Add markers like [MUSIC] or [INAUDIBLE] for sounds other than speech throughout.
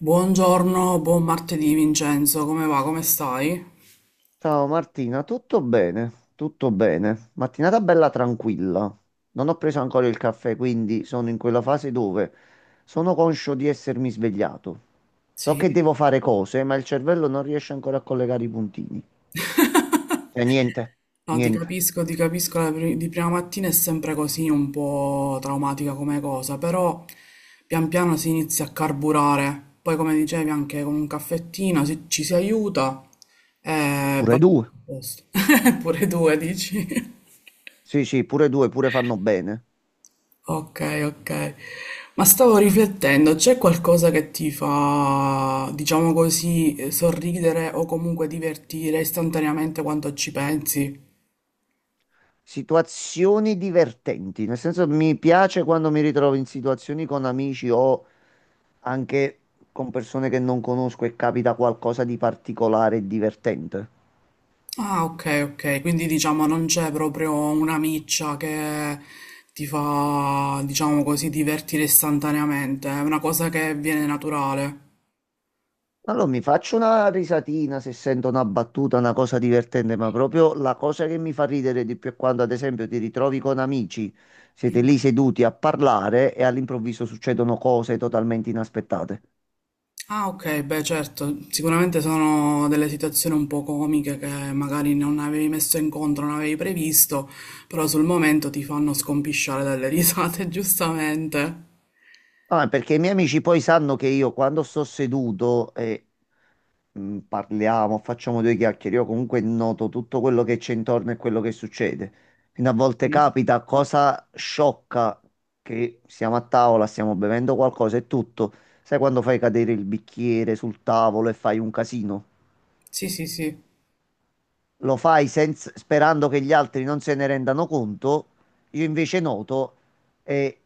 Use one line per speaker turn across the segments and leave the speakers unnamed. Buongiorno, buon martedì Vincenzo, come va? Come stai?
Ciao Martina, tutto bene? Tutto bene. Mattinata bella tranquilla. Non ho preso ancora il caffè, quindi sono in quella fase dove sono conscio di essermi svegliato. So che
Sì.
devo fare cose, ma il cervello non riesce ancora a collegare i puntini. Cioè, niente,
No,
niente.
ti capisco, di prima mattina è sempre così un po' traumatica come cosa, però pian piano si inizia a carburare, poi come dicevi anche con un caffettino ci si aiuta e va
Pure
a
due.
posto. [LAUGHS] Pure due, dici?
Sì, sì, pure due, pure fanno bene.
Okay, okay. Ma stavo riflettendo, c'è qualcosa che ti fa, diciamo così, sorridere o comunque divertire istantaneamente quando ci pensi?
Situazioni divertenti, nel senso mi piace quando mi ritrovo in situazioni con amici o anche con persone che non conosco e capita qualcosa di particolare e divertente.
Ah, ok, ok. Quindi diciamo non c'è proprio una miccia che ti fa, diciamo così, divertire istantaneamente, è una cosa che viene naturale.
Allora mi faccio una risatina se sento una battuta, una cosa divertente, ma proprio la cosa che mi fa ridere di più è quando, ad esempio, ti ritrovi con amici, siete lì seduti a parlare e all'improvviso succedono cose totalmente inaspettate.
Ah, ok, beh, certo, sicuramente sono delle situazioni un po' comiche che magari non avevi messo in conto, non avevi previsto, però sul momento ti fanno scompisciare dalle risate, [LAUGHS] giustamente.
Ah, perché i miei amici poi sanno che io quando sto seduto e parliamo, facciamo due chiacchiere, io comunque noto tutto quello che c'è intorno e quello che succede. Quindi a volte
Mm.
capita cosa sciocca che siamo a tavola, stiamo bevendo qualcosa e tutto. Sai quando fai cadere il bicchiere sul tavolo e fai un casino?
Sì, sì, sì.
Lo fai sperando che gli altri non se ne rendano conto, io invece noto e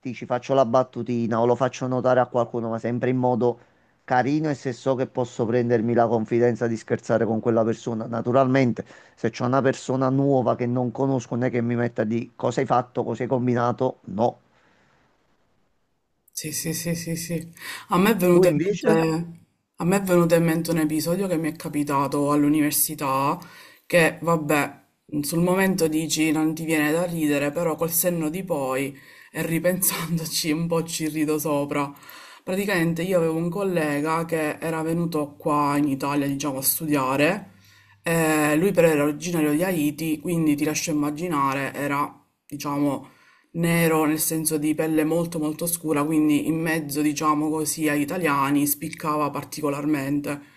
dici faccio la battutina o lo faccio notare a qualcuno, ma sempre in modo carino e se so che posso prendermi la confidenza di scherzare con quella persona. Naturalmente, se c'è una persona nuova che non conosco, non è che mi metta di cosa hai fatto, cosa hai combinato, no.
Sì, sì, sì, sì, sì. A me è
Tu
venuto in
invece?
mente, a me è venuto in mente un episodio che mi è capitato all'università, che vabbè, sul momento dici non ti viene da ridere, però col senno di poi e ripensandoci un po' ci rido sopra. Praticamente io avevo un collega che era venuto qua in Italia, diciamo, a studiare. Lui però era originario di Haiti, quindi ti lascio immaginare, era, diciamo, nero nel senso di pelle molto molto scura, quindi in mezzo, diciamo così, agli italiani spiccava particolarmente.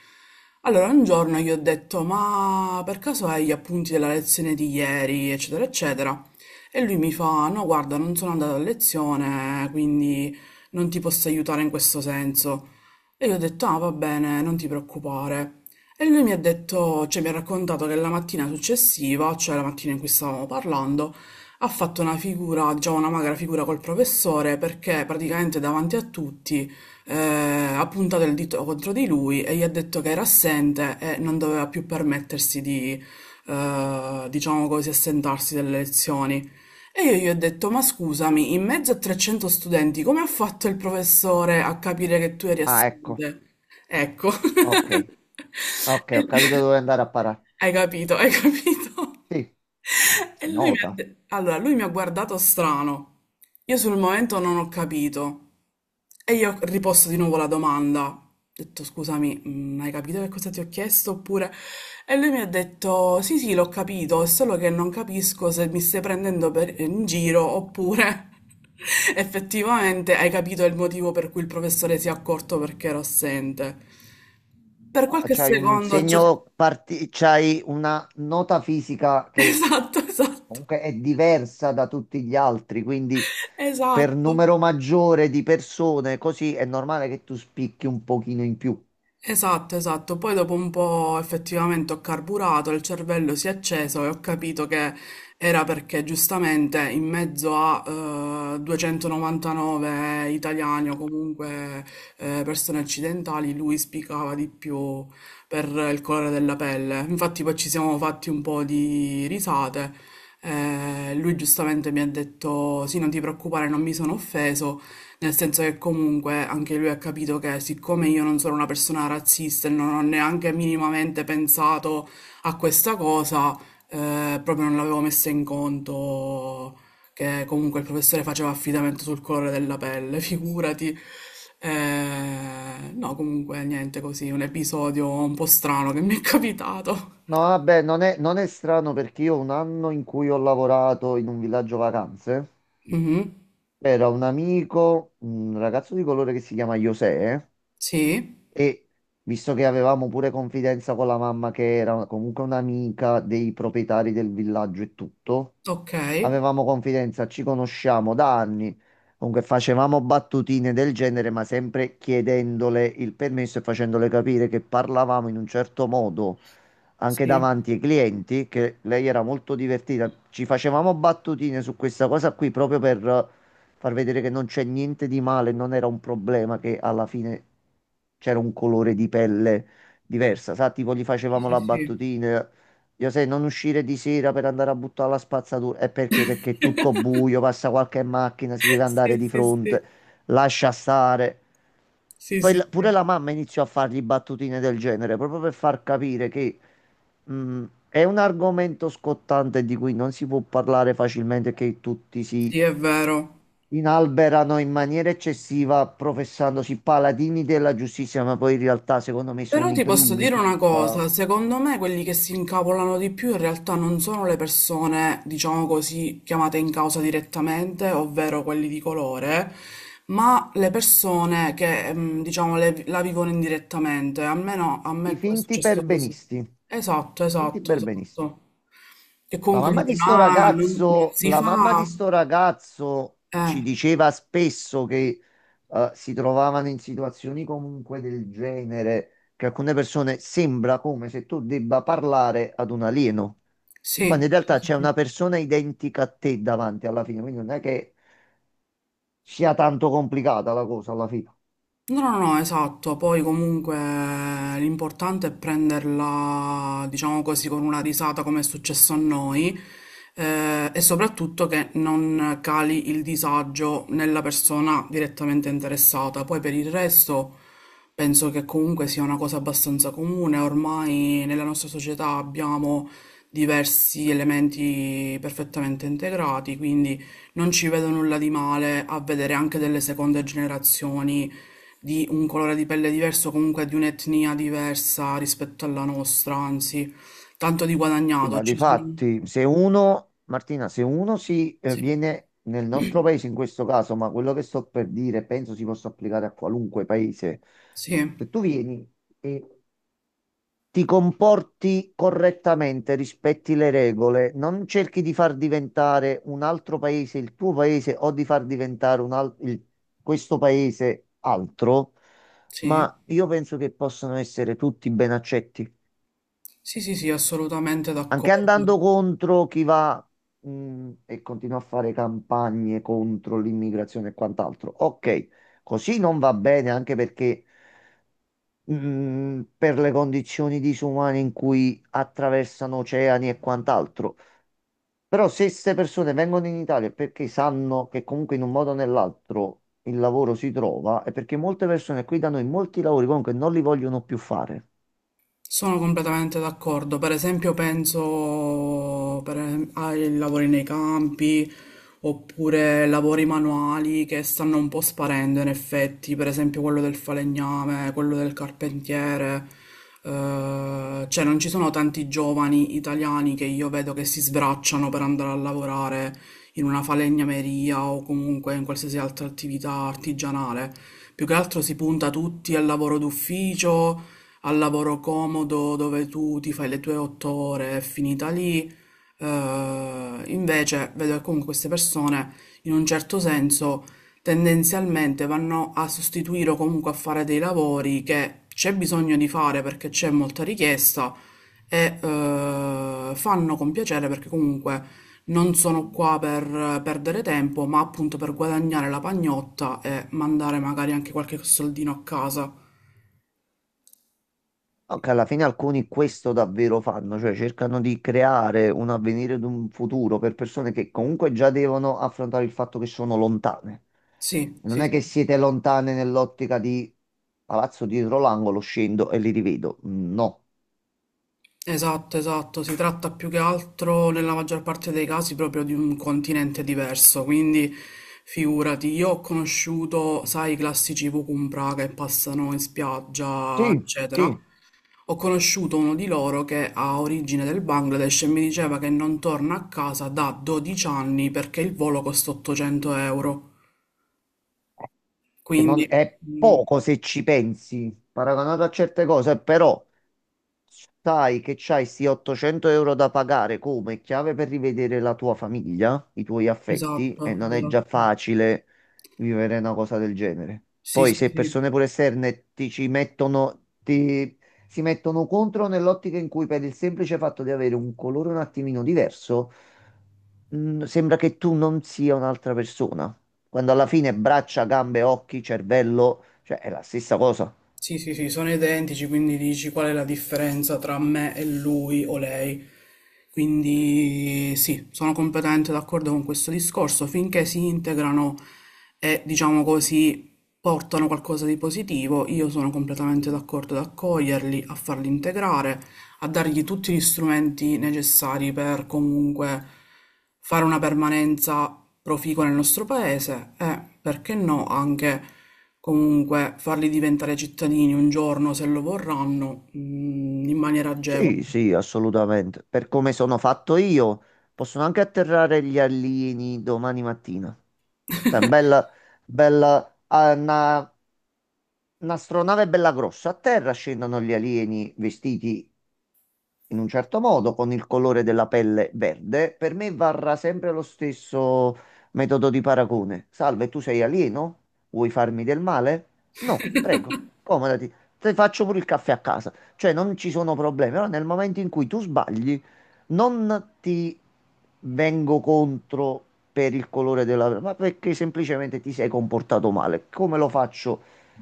Allora un giorno gli ho detto, ma per caso hai gli appunti della lezione di ieri, eccetera, eccetera. E lui mi fa, no, guarda, non sono andato a lezione, quindi non ti posso aiutare in questo senso. E io ho detto, ah, va bene, non ti preoccupare. E lui mi ha detto, cioè mi ha raccontato che la mattina successiva, cioè la mattina in cui stavamo parlando, ha fatto una figura, diciamo una magra figura col professore perché praticamente davanti a tutti eh, ha puntato il dito contro di lui e gli ha detto che era assente e non doveva più permettersi di, diciamo così, assentarsi dalle lezioni. E io gli ho detto, ma scusami, in mezzo a 300 studenti, come ha fatto il professore a capire che tu eri
Ah, ecco,
assente? Ecco.
ok,
[LAUGHS]
ok,
E
ho capito dove andare a parare.
hai capito, hai capito.
Sì,
E
si
lui mi ha
nota.
de- allora, lui mi ha guardato strano. Io sul momento non ho capito. E io riposto di nuovo la domanda. Ho detto, scusami, hai capito che cosa ti ho chiesto? Oppure. E lui mi ha detto, sì, sì, l'ho capito, è solo che non capisco se mi stai prendendo in giro oppure [LAUGHS] effettivamente hai capito il motivo per cui il professore si è accorto perché ero assente. Per
No,
qualche
c'hai un
secondo [LAUGHS]
segno, c'hai una nota fisica che
Esatto, esatto,
comunque è diversa da tutti gli altri, quindi per
esatto.
numero maggiore di persone, così è normale che tu spicchi un pochino in più.
Esatto, esatto. Poi dopo un po' effettivamente ho carburato, il cervello si è acceso e ho capito che era perché giustamente in mezzo a 299 italiani o comunque persone occidentali lui spiccava di più per il colore della pelle. Infatti poi ci siamo fatti un po' di risate. Lui giustamente mi ha detto: Sì, non ti preoccupare, non mi sono offeso. Nel senso che comunque anche lui ha capito che siccome io non sono una persona razzista e non ho neanche minimamente pensato a questa cosa, proprio non l'avevo messa in conto che comunque il professore faceva affidamento sul colore della pelle, [LAUGHS] figurati. No, comunque niente così, un episodio un po' strano che mi è capitato.
No, vabbè, non è, non è strano perché io un anno in cui ho lavorato in un villaggio vacanze,
Mhm,
c'era un amico, un ragazzo di colore che si chiama José,
sì,
e visto che avevamo pure confidenza con la mamma, che era comunque un'amica dei proprietari del villaggio e tutto,
ok.
avevamo confidenza, ci conosciamo da anni. Comunque facevamo battutine del genere, ma sempre chiedendole il permesso e facendole capire che parlavamo in un certo modo anche
Sì,
davanti ai clienti, che lei era molto divertita. Ci facevamo battutine su questa cosa qui proprio per far vedere che non c'è niente di male, non era un problema che alla fine c'era un colore di pelle diversa, sa, tipo gli facevamo
sì,
la
sì.
battutina. Io sai, non uscire di sera per andare a buttare la spazzatura. E perché? Perché è tutto buio, passa qualche macchina, si deve
Sì,
andare di
[LAUGHS] sì,
fronte,
sì.
lascia stare.
Sì,
Poi
sì,
pure
sì.
la mamma iniziò a fargli battutine del genere, proprio per far capire che è un argomento scottante di cui non si può parlare facilmente, che tutti si
Sì, è vero.
inalberano in maniera eccessiva, professandosi paladini della giustizia, ma poi in realtà secondo me
Però
sono i
ti posso
primi
dire una
che,
cosa, secondo me quelli che si incavolano di più in realtà non sono le persone, diciamo così, chiamate in causa direttamente, ovvero quelli di colore, ma le persone che, diciamo, la vivono indirettamente. Almeno a me
i
è
finti
successo così.
perbenisti.
Esatto,
Finti
esatto,
perbenisti.
esatto. Che
La
comunque
mamma di
dicono,
sto
ah, non
ragazzo,
si
la mamma di
fa.
sto ragazzo
Eh,
ci diceva spesso che si trovavano in situazioni comunque del genere, che alcune persone sembra come se tu debba parlare ad un alieno, quando
sì,
in
sì,
realtà
sì.
c'è
Sì.
una persona identica a te davanti alla fine, quindi non è che sia tanto complicata la cosa alla fine.
No, no, no, esatto, poi comunque l'importante è prenderla, diciamo così, con una risata come è successo a noi e soprattutto che non cali il disagio nella persona direttamente interessata. Poi per il resto penso che comunque sia una cosa abbastanza comune, ormai nella nostra società abbiamo diversi elementi perfettamente integrati, quindi non ci vedo nulla di male a vedere anche delle seconde generazioni di un colore di pelle diverso, comunque di un'etnia diversa rispetto alla nostra, anzi, tanto di
Sì,
guadagnato.
ma di
Ci sono.
fatti, se uno, Martina, se uno si
Sì,
viene nel nostro
[CLEARS THROAT]
paese in questo caso, ma quello che sto per dire penso si possa applicare a qualunque paese,
sì,
se tu vieni e ti comporti correttamente, rispetti le regole, non cerchi di far diventare un altro paese il tuo paese o di far diventare un questo paese altro,
sì,
ma io penso che possano essere tutti ben accetti.
sì, sì, sì, assolutamente
Anche
d'accordo.
andando contro chi va, e continua a fare campagne contro l'immigrazione e quant'altro. Ok, così non va bene anche perché per le condizioni disumane in cui attraversano oceani e quant'altro. Però se queste persone vengono in Italia è perché sanno che comunque in un modo o nell'altro il lavoro si trova, è perché molte persone qui da noi molti lavori comunque non li vogliono più fare.
Sono completamente d'accordo. Per esempio, penso ai lavori nei campi oppure lavori manuali che stanno un po' sparendo in effetti, per esempio quello del falegname, quello del carpentiere. Cioè, non ci sono tanti giovani italiani che io vedo che si sbracciano per andare a lavorare in una falegnameria o comunque in qualsiasi altra attività artigianale. Più che altro si punta tutti al lavoro d'ufficio, al lavoro comodo dove tu ti fai le tue 8 ore, è finita lì. Invece vedo che comunque queste persone, in un certo senso, tendenzialmente vanno a sostituire o comunque a fare dei lavori che c'è bisogno di fare perché c'è molta richiesta e fanno con piacere perché comunque non sono qua per perdere tempo, ma appunto per guadagnare la pagnotta e mandare magari anche qualche soldino a casa.
No, che alla fine alcuni questo davvero fanno, cioè cercano di creare un avvenire ed un futuro per persone che comunque già devono affrontare il fatto che sono lontane.
Sì,
Non
sì,
è che
sì.
siete lontane nell'ottica di palazzo dietro l'angolo, scendo e li rivedo. No.
Esatto, esatto, si tratta più che altro nella maggior parte dei casi proprio di un continente diverso, quindi figurati, io ho conosciucuto, sai, i classici Vukumpra che passano in spiaggia,
Sì,
eccetera.
sì,
Ho conosciuto uno di loro che ha origine del Bangladesh e mi diceva che non torna a casa da 12 anni perché il volo costa 800 euro.
che non
Quindi,
è poco se ci pensi, paragonato a certe cose, però sai che c'hai sti 800 euro da pagare come chiave per rivedere la tua famiglia, i tuoi affetti, e
esatto,
non è già
esatto.
facile vivere una cosa del genere.
Sì,
Poi
sì,
se
sì.
persone pure esterne ti ci mettono, si mettono contro nell'ottica in cui per il semplice fatto di avere un colore un attimino diverso, sembra che tu non sia un'altra persona. Quando alla fine braccia, gambe, occhi, cervello, cioè è la stessa cosa.
Sì, sì, sì, sono identici, quindi dici qual è la differenza tra me e lui o lei. Quindi sì, sono completamente d'accordo con questo discorso, finché si integrano e diciamo così portano qualcosa di positivo, io sono completamente d'accordo ad accoglierli, a farli integrare, a dargli tutti gli strumenti necessari per comunque fare una permanenza proficua nel nostro paese e, perché no, anche comunque farli diventare cittadini un giorno, se lo vorranno, in maniera agevole.
Sì, sì, assolutamente. Per come sono fatto io, possono anche atterrare gli alieni domani mattina. Cioè, bella, bella, ah, un'astronave bella grossa. A terra scendono gli alieni vestiti in un certo modo, con il colore della pelle verde, per me varrà sempre lo stesso metodo di paragone. Salve, tu sei alieno? Vuoi farmi del male? No, prego, accomodati. Ti faccio pure il caffè a casa. Cioè, non ci sono problemi, però nel momento in cui tu sbagli, non ti vengo contro per il colore della pelle, ma perché semplicemente ti sei comportato male. Come lo faccio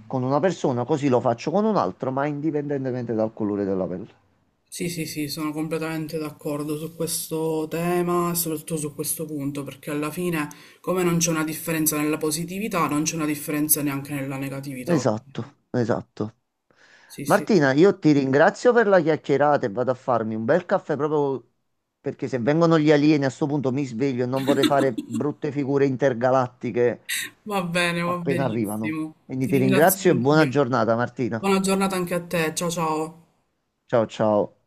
con una persona, così lo faccio con un altro, ma indipendentemente dal colore della pelle.
Sì, sì, sì, sono completamente d'accordo su questo tema e soprattutto su questo punto, perché alla fine, come non c'è una differenza nella positività, non c'è una differenza neanche nella negatività.
Esatto, esatto.
Sì, sì, sì.
Martina, io ti ringrazio per la chiacchierata e vado a farmi un bel caffè proprio perché se vengono gli alieni a sto punto mi sveglio e non vorrei fare brutte figure intergalattiche
Va bene, va
appena arrivano.
benissimo.
Quindi
Ti
ti ringrazio
ringrazio
e buona
anch'io.
giornata, Martina.
Buona giornata anche a te. Ciao, ciao.
Ciao ciao.